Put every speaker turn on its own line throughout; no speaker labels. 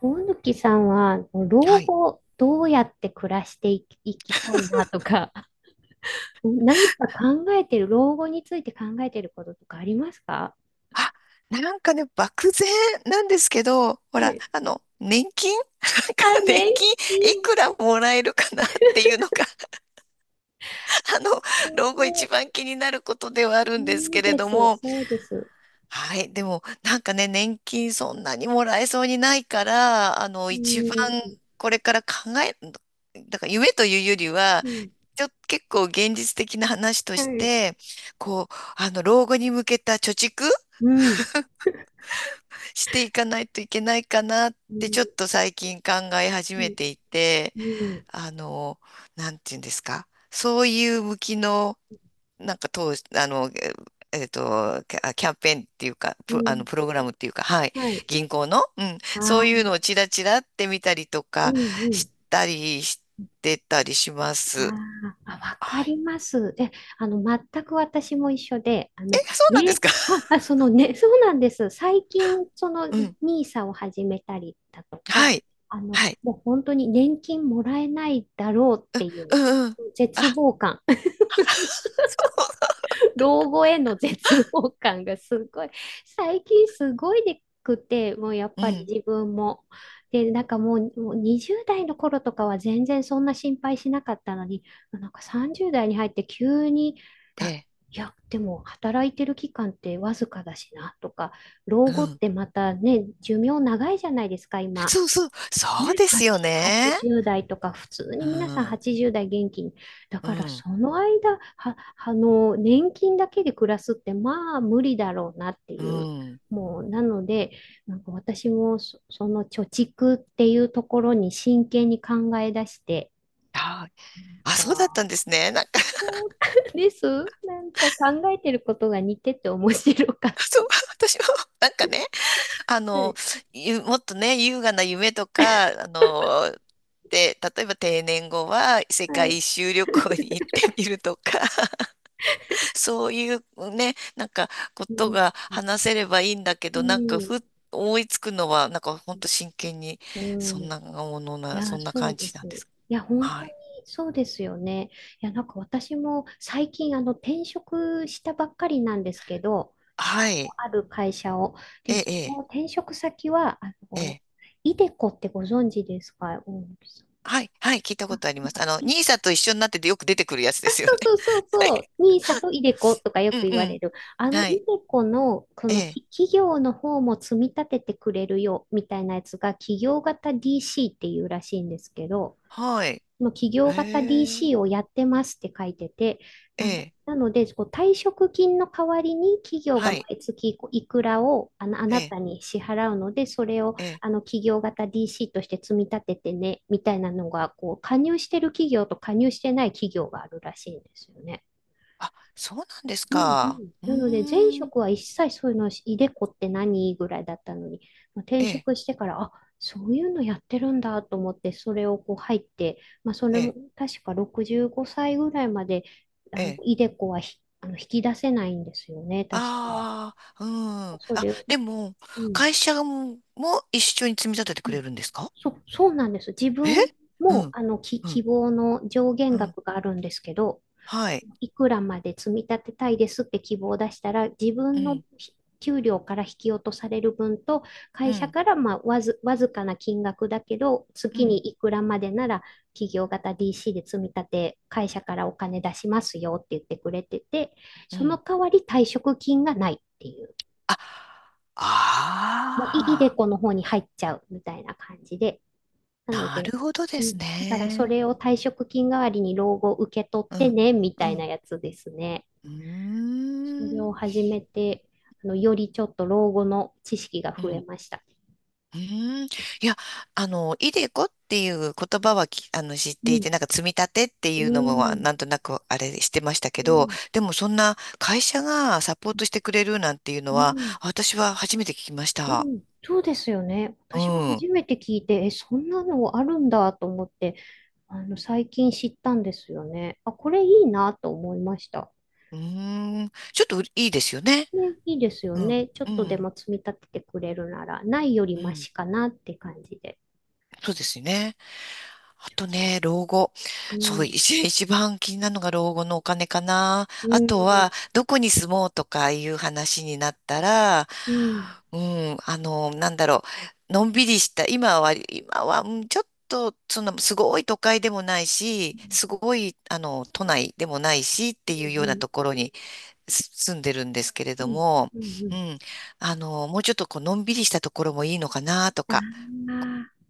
大貫さんは、老
はい。
後、どうやって暮らしていきたいなとか、何か考えてる、老後について考えてることとかありますか？
あ、なんかね、漠然なんですけど、ほ
は
ら、
い。
年金 なんか
あ、
年
年
金い
金。
くらもらえるかなっていうのが、あの、老後一番気になることではあるんです
そう
けれ
です、
ども、
そうです。
はい。でも、なんかね、年金そんなにもらえそうにないから、
う
一番
ん、
これから考え、だから夢というよりは、
うん、
ちょっと結構現実的な話と
は
し
い。
て、こう、老後に向けた貯蓄
うん、
していかないといけないかなっ
う
て
ん、
ちょっと最近考え始
う
め
ん、
ていて、
うん、
あの、なんていうんですか、そういう向きの、なんか当、あの、えっと、キャキャンペーンっていうか、
う
プ、あの、
ん、
プログラムっていうか、はい、
はい。
銀行の、うん、そういう
あ
のをチラチラって見たりと
ー、う
か
ん、
したりしてたりしま
あ
す。
ーあ、わか
はい。
ります。え、全く私も一緒で、
え、そうなんで
ね、
すか？
そのね、そうなんです。最近、その、
うん。
ニーサを始めたりだとか、
はい。
あの、
はい。
もう本当に年金もらえないだろうってい
う
う
んうん。あ、
絶望感。老後への絶望感がすごい、最近すごいでくて、もうやっ
う
ぱり
ん。
自分も。で、なんかもう20代の頃とかは全然そんな心配しなかったのに、なんか30代に入って急に、
え
あ
え。
いや、でも働いてる期間ってわずかだしなとか、老
う
後っ
ん。
てまたね、寿命長いじゃないですか、今。
そうそう、そうですよ
8、
ね。
80代とか、普通
う
に皆さん
ん、
80代元気に。だ
う
から
ん、
その間、は、年金だけで暮らすって、まあ無理だろうなって
う
いう。
ん。
もう、なので、なんか私もその貯蓄っていうところに真剣に考え出して、
ああ、そうだった
か
んですね。なんか、
です。なんか考えてることが似てて面白かっ
そ
た。
う、私も、なんかね、あ
は
の、
い。
もっとね、優雅な夢とか、で、例えば定年後は世
は
界一
い。
周旅行に行ってみるとか、そういうね、なんかこ
う
と
ん。
が話せればいいんだけ
う
ど、なんか
ん。
ふっ思いつくのは、なんかほんと真剣に、
うん。い
そ
や、
んな
そう
感
で
じな
す。
んです。
いや、本
は
当に
い。
そうですよね。いや、なんか私も最近、転職したばっかりなんですけど、か
はい。
ある会社を。
え
で、
え、
そ
え
の
え。
転職先は、
ええ。
イデコってご存知ですか、大貫さん？
はい、はい、聞いた
あ、
ことあり
な
ま
ん
す。
か、い
ニーサと一緒になっててよく出てくるやつです よ
そ
ね。
うそうそう
は
そ
い
う、ニーサとイデコとかよ
う
く言
んう
われ
ん。
る。イ
は
デ
い。
コの、こ
え
の
え。
き企業の方も積み立ててくれるよ、みたいなやつが、企業型 DC っていうらしいんですけど、
はい。
その企業
へ
型
え。
DC をやってますって書いてて、
え
まあ、
え。
なので、こう退職金の代わりに企業が
はい。
毎月こういくらをあのあ
え
なた
え。
に支払うので、それを
ええ。
あの企業型 DC として積み立ててね、みたいなのがこう加入してる企業と加入してない企業があるらしいんですよね。
あ、そうなんです
うんう
か。
ん。
う
なので、前
ーん。
職は一切そういうの、イデコって何ぐらいだったのに、まあ、転
ええ。
職してから、あ、そういうのやってるんだと思って、それをこう入って、まあ、そ
え
れも
え。
確か65歳ぐらいまで、
ええ。
イデコはひあの引き出せないんですよね、確か。
ああ、うん。
そ
あ、
れを、
でも、
うん。
会社も、一緒に積み立てて
う
く
ん。
れるんですか？
そうなんです。自
え、
分
う
も、
ん。う
希
ん。
望の上限
うん。
額があるんですけど、
はい。
いくらまで積み立てたいですって希望を出したら、自
う
分の
ん。
ひ給料から引き落とされる分と、
う
会社
ん。
からまあわずかな金額だけど、
う
月に
ん。
いくらまでなら、企業型 DC で積み立て、会社からお金出しますよって言ってくれてて、
う
その
ん。
代わり退職金がないっていう、
あ、
もういいで
あ
この方に入っちゃうみたいな感じで、なの
あ、な
で、
るほどで
う
す
ん、だからそ
ね。
れを退職金代わりに老後受け取っ
う
て
ん、
ね、み
う
たいな
ん、
やつですね。
うー
それ
ん、
を始めて、よりちょっと老後の知識が
う
増え
ん、
ました。
うーん。いや、イデコっていう言葉はき、あの、知っ
う
ていて、
ん、
なんか積み立てって
う
いうのも、
ん、
なんとなくあれしてましたけ
う
ど、
ん、
でもそんな会社がサポートしてくれるなんていうの
う
は、
ん、
私は初めて聞きまし
う
た。
ん。そうですよね。
う
私も
ん、う
初めて聞いて、え、そんなのあるんだと思って、最近知ったんですよね。あ、これいいなと思いました。
ーん、ちょっといいですよね。
うん、いいですよ
うん、
ね。ちょ
う
っとで
ん、
も積み立ててくれるなら、ないより
う
マ
ん、
シかなって感じで。
そうですね。あ
承
と
知。
ね、老後。
う
そう、
ん。
一番気になるのが老後のお金かな。
う
あと
ん。
は、どこに住もうとかいう話になったら、
うん。
うん、なんだろう、のんびりした、今は、うんちょっと、その、すごい都会でもない
う
し、
ん。
すごい、都内でもないしっていう
う
ような
ん。
ところに住んでるんですけれ
う
ど
ん。
も、
うん。う
う
ん。
ん、もうちょっとこう、のんびりしたところもいいのかなと
あ
か、
あ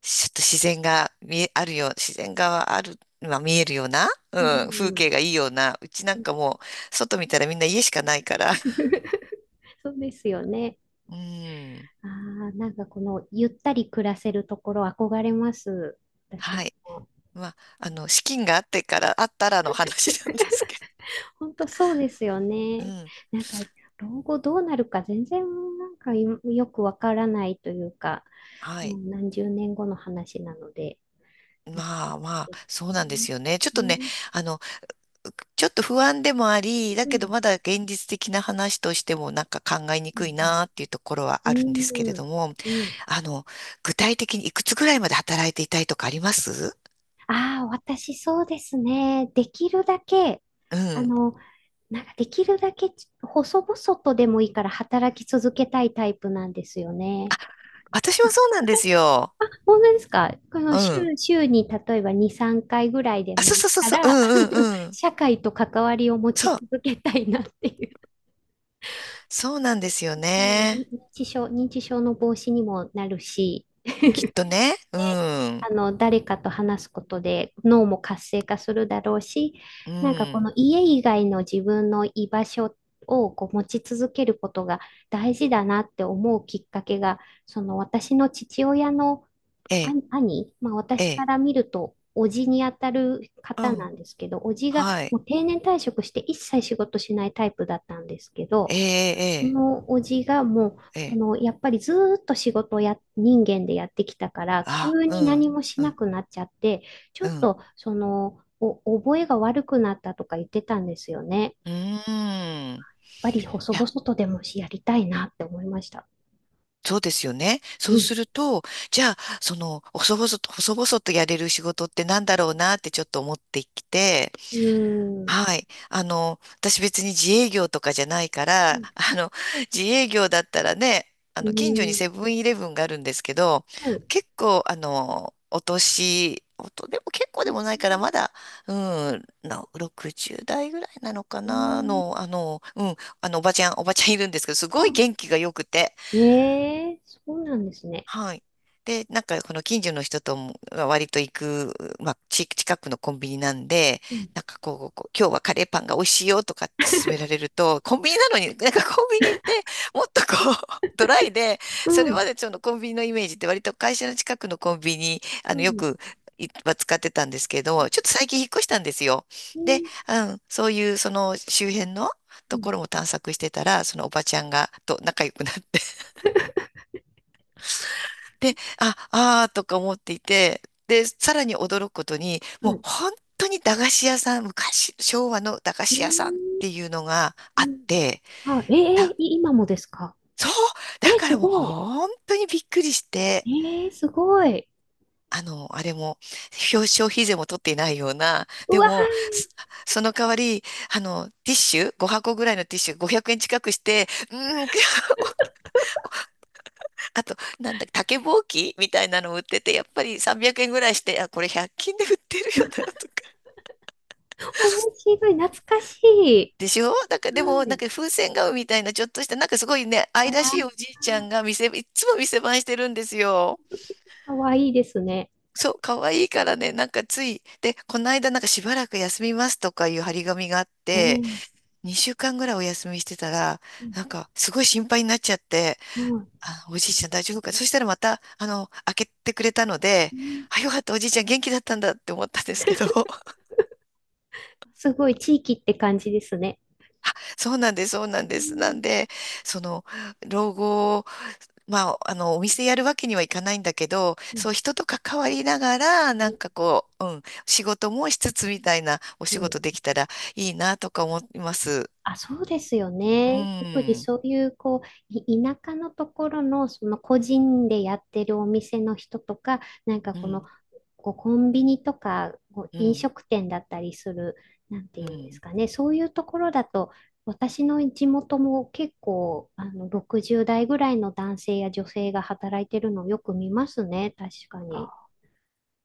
ちょっと自然がある、まあ見えるような、
ー。
うん、風
う
景がいいような、うちな
ん。
んかもう、外見たらみんな家しかないから、
そうですよね。
うん、
ああ、なんかこのゆったり暮らせるところ憧れます。私
はい。
も。
まあ、あの、資金があってから、あったらの話なんですけど、
本当そうですよ
う
ね。
ん、
なんか老後どうなるか全然なんかいよくわからないというか、
は
も
い。
う何十年後の話なので難し
ま
い
あまあ、
で
そ
す
う
ね。
なんで
ね。
すよね。ちょっと
う
ね、
ん。
あの、ちょっと不安でもあり、だ
う
けど
ん。
まだ現実的な話としてもなんか考えに
う
くい
ん。
なっていうところは
う
あるんですけれ
ん。
ども、
うん。
あの、具体的にいくつぐらいまで働いていたいとかあります？
ああ、私そうですね。できるだけ、
う
あ
ん。
の、なんかできるだけ細々とでもいいから働き続けたいタイプなんですよね。
私もそうなんですよ。
本当ですか？この
う
週、
ん。
週に例えば2、3回ぐらいで
あ、
も
そう
いい
そうそう
か
そう。う
ら、
んうんうん。
社会と関わりを持
そ
ち
う。
続けたいなっていう。
そうなんですよ
うん。
ね。
認知症の防止にもなるし、
きっとね。うん。
誰かと話すことで脳も活性化するだろうし、
う
なんかこ
ん。
の家以外の自分の居場所をこう持ち続けることが大事だなって思うきっかけが、その私の父親の
え
あ
え、
兄、まあ、
え
私か
え。
ら見ると、おじにあたる
う
方
ん。
なんですけど、おじが
はい。
もう定年退職して一切仕事しないタイプだったんですけ
え
ど、そ
え、
のおじがもう、
ええ、ええ。
やっぱりずーっと仕事をや、人間でやってきたから、
あ、
急
う
に
ん。
何もし
う
な
ん。
くなっちゃって、ちょ
う
っ
ん。
と、覚えが悪くなったとか言ってたんですよね。やっ
うーん。い
ぱり細々
や、
とでもしやりたいなって思いました。
そうですよね。そ
う
うす
ん。
ると、じゃあ、その、細々と、細々とやれる仕事ってなんだろうなってちょっと思ってきて、
うーん。
はい。私別に自営業とかじゃないか
う
ら、
ん。
自営業だったらね、
う
近所に
ん、
セブンイレブンがあるんですけど、
はい。
結構、あの、お年、おと、でも結構でもないから、まだ、うん、60代ぐらいなのかな、の、うん、おばちゃんいるんですけど、すごい元気が良くて、
ええ、そうなんですね。
はい。で、なんか、この近所の人とも割と行く、まあ、近くのコンビニなんで、
うん。
なんかこう今日はカレーパンが美味しいよとかって勧められると、コンビニなのに、なんかコンビニってもっとこう、ドライで、
う
それま
ん。
でそのコンビニのイメージって割と会社の近くのコンビニ、
う
よ
ん。
く、は使ってたんですけど、ちょっと最近引っ越したんですよ。
え
で、
え、
うん、そういうその周辺の
う
と
ん。
ころも探索してたら、そのおばちゃんと仲良くなってで、あ、あーとか思っていて、で、さらに驚くことに、も
は
う
い。
本当に駄菓子屋さん、昔、昭和の駄菓
う
子屋さんっ
ん。
ていうのが
う
あっ
ん。
て、
あ、ええ、
だ、
い今もですか？
そう、だ
え
か
す
らもう
ごい。
本当にびっくりして、
ええすごい。
あれも、消費税も取っていないような、
う
で
わ
も、その代わり、ティッシュ、5箱ぐらいのティッシュ500円近くして、うーん、あと、なんだ、竹ぼうきみたいなのを売ってて、やっぱり300円ぐらいして、あ、これ100均で売ってるよな、とか。
ー、面白い。懐かしい。
でしょ？なんかでも、
は
なん
い。
か風船顔みたいなちょっとした、なんかすごいね、
あ
愛
ら、
らしいおじいちゃんがいつも店番してるんですよ。
かわいいですね。
そう、可愛いからね、なんかつい、で、この間なんかしばらく休みますとかいう張り紙があっ
ええ、
て、
う
2週間ぐらいお休みしてたら、なんかすごい心配になっちゃって、
ん、はい。
あ、おじいちゃん大丈夫か？そしたらまた、開けてくれたので、
うん
あ、よかった、おじいちゃん元気だったんだって思ったんですけど、
すごい地域って感じですね。
そうなんです、そうなん
う
です。な
ん。
んで、その、老後まあ、お店やるわけにはいかないんだけど、
うん。
そう、人と関わりながら、なんかこう、うん、仕事もしつつみたいなお
う
仕事
ん。
できたらいいなとか思います。
あ、そうですよ
う
ね。特に
ん、
そういう、こう、い田舎のところの、その個人でやってるお店の人とか、なんか
う
この、
ん、
こうコンビニとか、こう
う
飲
ん、
食店だったりする、なんて
う
いうんです
ん。
かね。そういうところだと、私の地元も結構、60代ぐらいの男性や女性が働いてるのをよく見ますね。確かに。
あ、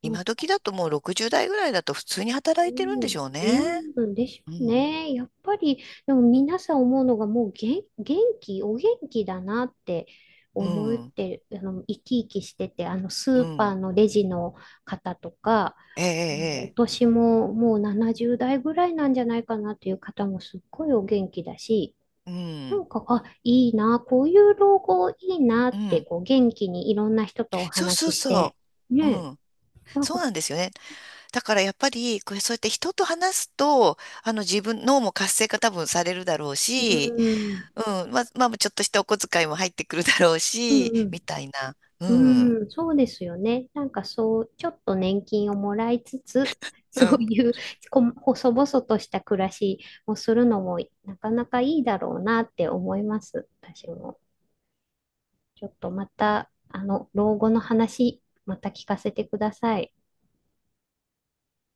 今時だともう60代ぐらいだと普通に働いてるんでしょう
う
ね。
ん、うん、でしょ
う
う
ん、
ね。やっぱり、でも皆さん思うのがもう元、元気、お元気だなって
う
思っ
ん、
てる、あの、生きしてて、ス
う
ーパー
ん。
のレジの方とか、
え
もうお
え、え
年ももう70代ぐらいなんじゃないかなっていう方もすっごいお元気だし、
え、ええう
な
ん、
んか、あ、いいな、こういう老後いいな
う
って、
ん。
こう、元気にいろんな人とお
そうそ
話
う
しして、
そう。う
ね、
ん、
なん
そう
か、
なんですよね。だからやっぱり、これそうやって人と話すと、自分、脳も活性化多分されるだろう
う
し、
ん、
うん、まあ、まあちょっとしたお小遣いも入ってくるだろう
う
し、
ん、
みたいな。う
うん。
ん。
うん、そうですよね。なんかそう、ちょっと年金をもらいつつ、
う
そう
ん
いう細々とした暮らしをするのもなかなかいいだろうなって思います。私も。ちょっとまた、老後の話、また聞かせてください。